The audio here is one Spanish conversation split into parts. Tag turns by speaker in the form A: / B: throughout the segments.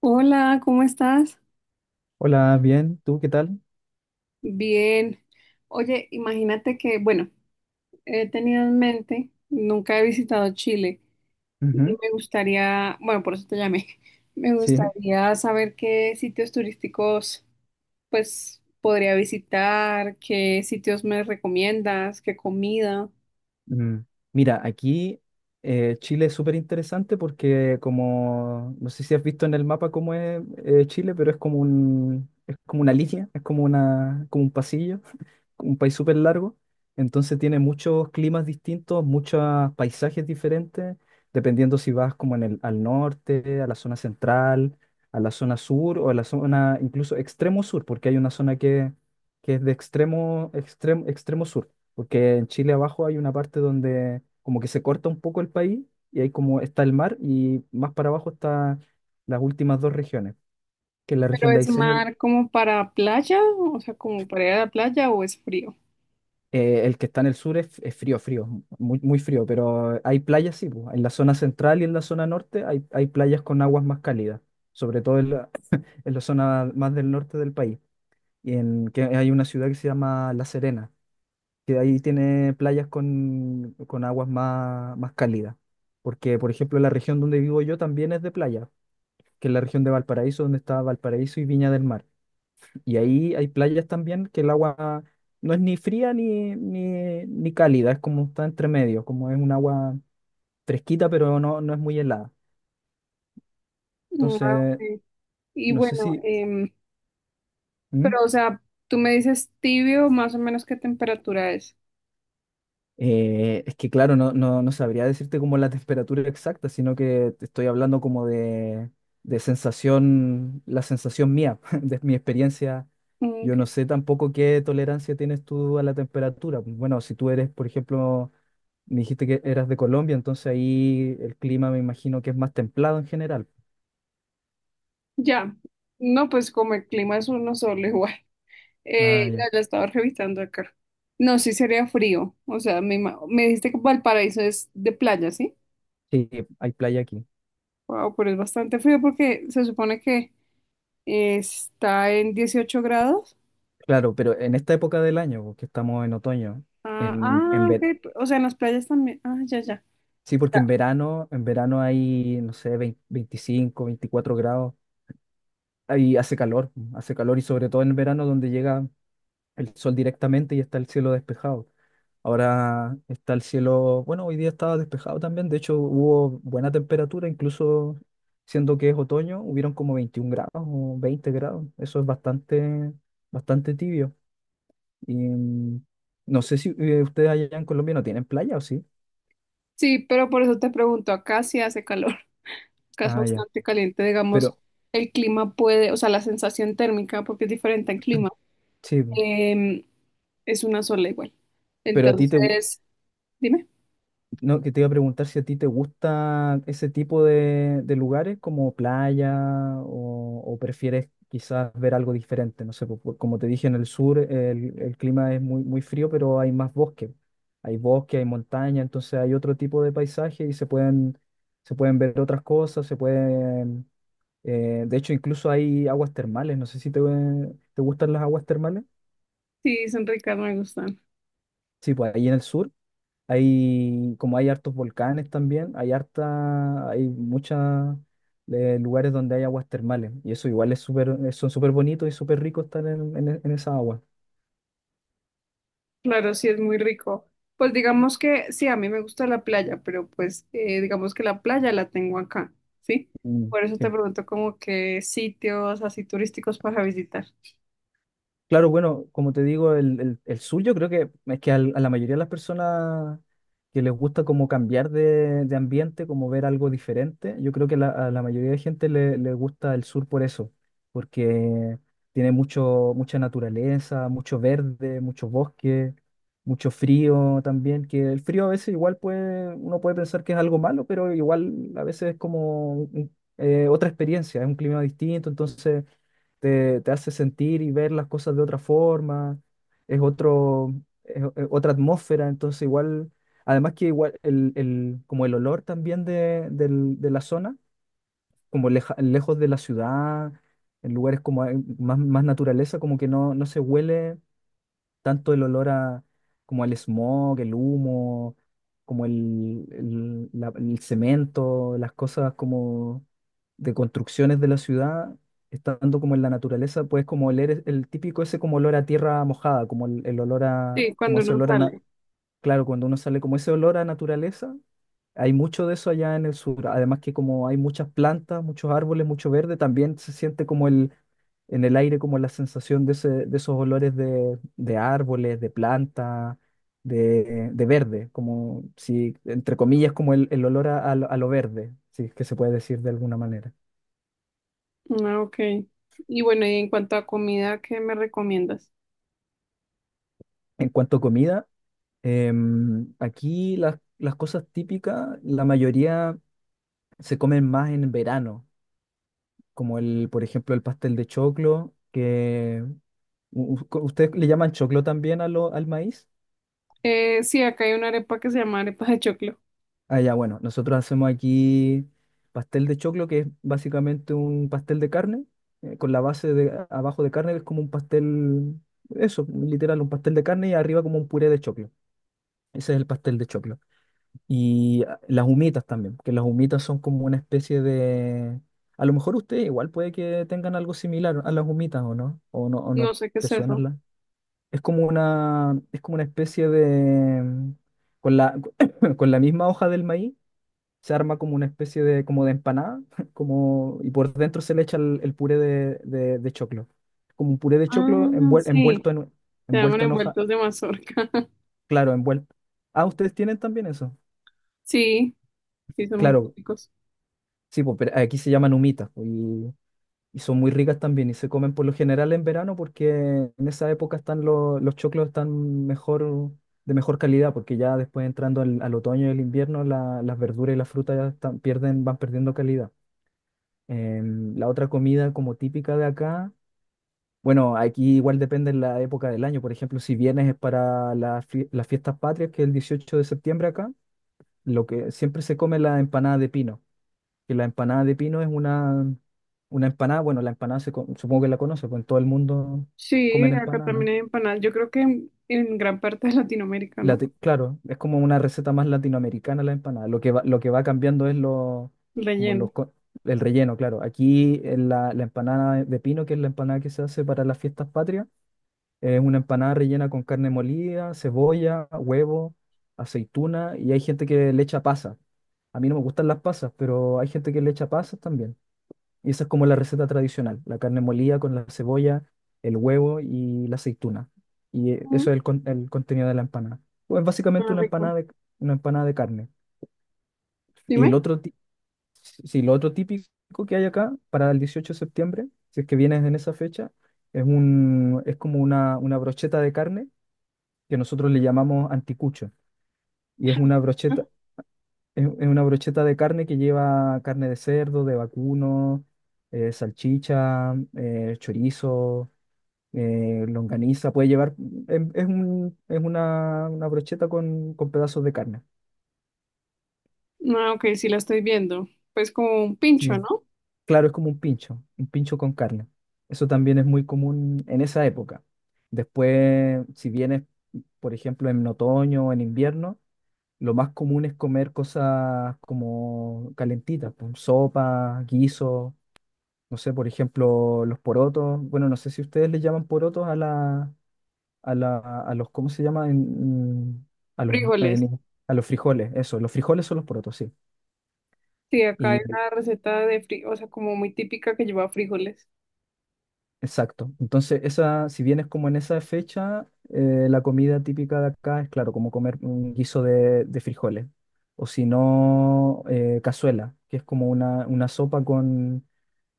A: Hola, ¿cómo estás?
B: Hola, bien, ¿tú qué tal?
A: Bien. Oye, imagínate que, bueno, he tenido en mente, nunca he visitado Chile y
B: Ujú.
A: me gustaría, bueno, por eso te llamé. Me
B: Sí.
A: gustaría saber qué sitios turísticos pues podría visitar, qué sitios me recomiendas, qué comida.
B: Mm, Mira, aquí Chile es súper interesante porque no sé si has visto en el mapa cómo es Chile, pero es como una línea, como un pasillo, un país súper largo. Entonces tiene muchos climas distintos, muchos paisajes diferentes, dependiendo si vas al norte, a la zona central, a la zona sur o a la zona incluso extremo sur, porque hay una que es de extremo extremo sur. Porque en Chile abajo hay una parte donde como que se corta un poco el país y ahí como está el mar y más para abajo están las últimas dos regiones, que es la
A: Pero
B: región de
A: ¿es
B: Aysén
A: mar como para playa, o sea, como para ir a la playa o es frío?
B: el que está en el sur es frío, frío, muy frío, pero hay playas, sí, pues, en la zona central y en la zona norte hay playas con aguas más cálidas, sobre todo en en la zona más del norte del país. Y en que hay una ciudad que se llama La Serena que ahí tiene playas con aguas más cálidas. Porque, por ejemplo, la región donde vivo yo también es de playa, que es la región de Valparaíso, donde está Valparaíso y Viña del Mar. Y ahí hay playas también que el agua no es ni fría ni ni cálida, es como está entre medio, como es un agua fresquita, pero no, no es muy helada.
A: Mm, ah,
B: Entonces,
A: ok. Y
B: no sé
A: bueno,
B: si... ¿Mm?
A: pero, o sea, tú me dices tibio, más o menos ¿qué temperatura es?
B: Es que claro, no, no sabría decirte como la temperatura exacta, sino que te estoy hablando como de sensación, la sensación mía, de mi experiencia.
A: Mm,
B: Yo no
A: ok.
B: sé tampoco qué tolerancia tienes tú a la temperatura. Bueno, si tú eres, por ejemplo, me dijiste que eras de Colombia, entonces ahí el clima me imagino que es más templado en general.
A: Ya. No, pues como el clima es uno solo igual.
B: Ah,
A: No,
B: ya.
A: lo estaba revisando acá. No, sí sería frío. O sea, me, me dijiste que Valparaíso es de playa, ¿sí?
B: Sí, hay playa aquí.
A: Wow, pero es bastante frío porque se supone que está en 18 grados.
B: Claro, pero en esta época del año, porque estamos en otoño,
A: Ah,
B: en, en,
A: ah, ok.
B: ve-
A: O sea, en las playas también. Ah, ya, ya.
B: Sí, porque en verano hay, no sé, 20 25, 24 grados. Ahí hace calor y sobre todo en verano donde llega el sol directamente y está el cielo despejado. Ahora está el cielo, bueno, hoy día estaba despejado también, de hecho hubo buena temperatura, incluso siendo que es otoño, hubieron como 21 grados o 20 grados, eso es bastante, bastante tibio. Y no sé si ustedes allá en Colombia no tienen playa o sí.
A: Sí, pero por eso te pregunto, acá sí hace calor, que es
B: Ah, ya,
A: bastante caliente, digamos,
B: pero
A: el clima puede, o sea, la sensación térmica, porque es diferente al clima,
B: sí, po.
A: em, es una sola igual.
B: Pero a ti te...
A: Entonces, dime,
B: No, que te iba a preguntar si a ti te gusta ese tipo de lugares como playa o prefieres quizás ver algo diferente. No sé, po- po- como te dije, en el sur el clima es muy frío, pero hay más bosque. Hay bosque, hay montaña, entonces hay otro tipo de paisaje y se pueden ver otras cosas, se pueden... De hecho, incluso hay aguas termales. No sé si te, te gustan las aguas termales.
A: sí, son ricas, me gustan.
B: Sí, pues ahí en el sur. Hay, como hay hartos volcanes también, hay harta, hay muchos lugares donde hay aguas termales. Y eso igual es súper, son súper bonitos y súper ricos estar en esa agua.
A: Claro, sí, es muy rico. Pues digamos que sí, a mí me gusta la playa, pero pues digamos que la playa la tengo acá, ¿sí?
B: Mm,
A: Por eso te
B: sí.
A: pregunto como qué sitios así turísticos para visitar.
B: Claro, bueno, como te digo, el sur yo creo que es que al- a la mayoría de las personas que les gusta como cambiar de ambiente, como ver algo diferente, yo creo que la- a la mayoría de gente le, le gusta el sur por eso, porque tiene mucho, mucha naturaleza, mucho verde, muchos bosques, mucho frío también, que el frío a veces igual puede, uno puede pensar que es algo malo, pero igual a veces es como un- otra experiencia, es un clima distinto, entonces te hace sentir y ver las cosas de otra forma, es otro, es o- es otra atmósfera, entonces igual, además que igual como el olor también de la zona, como leja- lejos de la ciudad, en lugares como hay más, más naturaleza, como que no, no se huele tanto el olor a, como el smog, el humo, como el cemento, las cosas como de construcciones de la ciudad, estando como en la naturaleza, puedes como oler es- el típico ese como olor a tierra mojada, como el olor a,
A: Sí,
B: como
A: cuando
B: ese
A: uno
B: olor a, na-
A: sale.
B: claro, cuando uno sale como ese olor a naturaleza. Hay mucho de eso allá en el sur, además que como hay muchas plantas, muchos árboles, mucho verde, también se siente como el, en el aire como la sensación de, ese- de esos olores de árboles, de planta, de verde, como si, entre comillas, como el olor a, a lo verde, si es que se puede decir de alguna manera.
A: Ah, ok. Y bueno, y en cuanto a comida, ¿qué me recomiendas?
B: En cuanto a comida, aquí las cosas típicas, la mayoría se comen más en verano, como el, por ejemplo, el pastel de choclo, que u- u- co- ¿ustedes le llaman choclo también a lo- al maíz?
A: Sí, acá hay una arepa que se llama arepa de choclo.
B: Ah, ya, bueno, nosotros hacemos aquí pastel de choclo, que es básicamente un pastel de carne, con la base de abajo de carne, que es como un pastel, eso, literal, un pastel de carne y arriba como un puré de choclo. Ese es el pastel de choclo. Y ah, las humitas también, que las humitas son como una especie de... A lo mejor ustedes igual puede que tengan algo similar a las humitas, ¿o no? ¿O no, o no
A: No sé qué
B: te
A: es
B: suenan
A: eso.
B: las? Es como una especie de... Con la, con la misma hoja del maíz se arma como una especie de, como de empanada, como, y por dentro se le echa el puré de choclo. Como un puré de
A: Ah,
B: choclo envuel-
A: sí,
B: envuelto en,
A: se llaman
B: envuelto en hoja,
A: envueltos de mazorca.
B: claro, envuelto. Ah, ¿ustedes tienen también eso?
A: Sí, sí, son muy
B: Claro,
A: típicos.
B: sí, po, pero aquí se llaman humitas po, y son muy ricas también y se comen por lo general en verano porque en esa época están los choclos están mejor, de mejor calidad porque ya después entrando al otoño y el invierno la- las verduras y las frutas ya están- pierden, van perdiendo calidad. La otra comida como típica de acá, bueno, aquí igual depende de la época del año. Por ejemplo, si vienes es para las fie- las fiestas patrias, que es el 18 de septiembre acá, lo que siempre se come es la empanada de pino. Que la empanada de pino es una empanada, bueno, la empanada se co- supongo que la conoces, pues en todo el mundo
A: Sí,
B: comen
A: acá
B: empanada.
A: también hay empanadas. Yo creo que en gran parte de Latinoamérica, ¿no?
B: Lati- claro, es como una receta más latinoamericana la empanada. Lo que va cambiando es lo, como
A: Relleno.
B: los, co- el relleno, claro. Aquí en la empanada de pino, que es la empanada que se hace para las fiestas patrias, es una empanada rellena con carne molida, cebolla, huevo, aceituna y hay gente que le echa pasas. A mí no me gustan las pasas, pero hay gente que le echa pasas también. Y esa es como la receta tradicional, la carne molida con la cebolla, el huevo y la aceituna. Y
A: Mm,
B: eso es el, con- el contenido de la empanada. Pues básicamente
A: suena rico.
B: una empanada de carne. Y el
A: Dime.
B: otro, ti- sí, lo otro típico que hay acá para el 18 de septiembre, si es que vienes en esa fecha, es un, es como una brocheta de carne que nosotros le llamamos anticucho. Y es una brocheta de carne que lleva carne de cerdo, de vacuno, salchicha, chorizo, longaniza, puede llevar, em- es, un- es una brocheta con pedazos de carne.
A: Ah, ok, sí la estoy viendo. Pues como un pincho,
B: Sí,
A: ¿no?
B: claro, es como un pincho con carne. Eso también es muy común en esa época. Después, si vienes, por ejemplo, en otoño o en invierno, lo más común es comer cosas como calentitas, pues, sopa, guiso, no sé, por ejemplo, los porotos. Bueno, no sé si ustedes le llaman porotos a la, a, la, a los, ¿cómo se llama?
A: Frijoles.
B: En- a los frijoles, eso, los frijoles son los porotos, sí.
A: Sí, acá hay
B: Y
A: una receta de fri o sea, como muy típica que lleva frijoles.
B: exacto. Entonces, esa, si vienes como en esa fecha, la comida típica de acá es, claro, como comer un guiso de frijoles. O si no, cazuela, que es como una sopa con,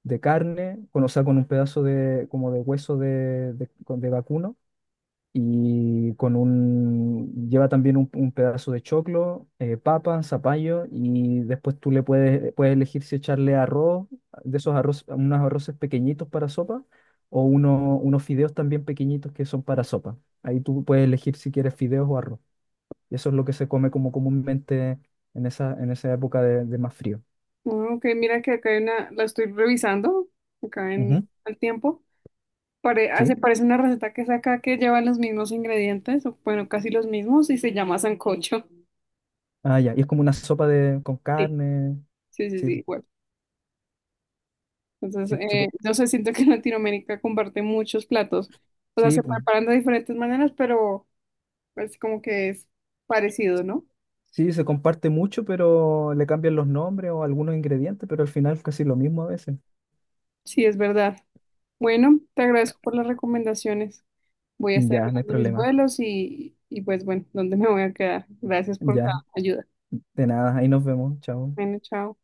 B: de carne, con, o sea, con un pedazo de, como de hueso de vacuno y con un, lleva también un pedazo de choclo, papa, zapallo, y después tú le puedes, puedes elegir si echarle arroz, de esos arroz, unos arroces pequeñitos para sopa, o uno- unos fideos también pequeñitos que son para sopa. Ahí tú puedes elegir si quieres fideos o arroz. Y eso es lo que se come como comúnmente en esa época de más frío.
A: Ah, ok, mira que acá hay una, la estoy revisando, acá en
B: Ujú.
A: el tiempo. Pare, ah, se
B: Sí.
A: parece una receta que saca que lleva los mismos ingredientes, o bueno, casi los mismos, y se llama sancocho.
B: Ah, ya. Y es como una sopa de, con
A: Sí,
B: carne.
A: sí, sí,
B: Sí,
A: sí, igual.
B: sí,
A: Entonces,
B: sí, pu-
A: yo sé, siento que en Latinoamérica comparte muchos platos. O sea,
B: sí,
A: se
B: pu-
A: preparan de diferentes maneras, pero es como que es parecido, ¿no?
B: Sí, se comparte mucho, pero le cambian los nombres o algunos ingredientes, pero al final es casi lo mismo a veces.
A: Sí, es verdad. Bueno, te agradezco por las recomendaciones. Voy a estar
B: Ya, no hay
A: mirando mis
B: problema.
A: vuelos y pues bueno, ¿dónde me voy a quedar? Gracias por la
B: Ya,
A: ayuda.
B: de nada, ahí nos vemos, chao.
A: Bueno, chao.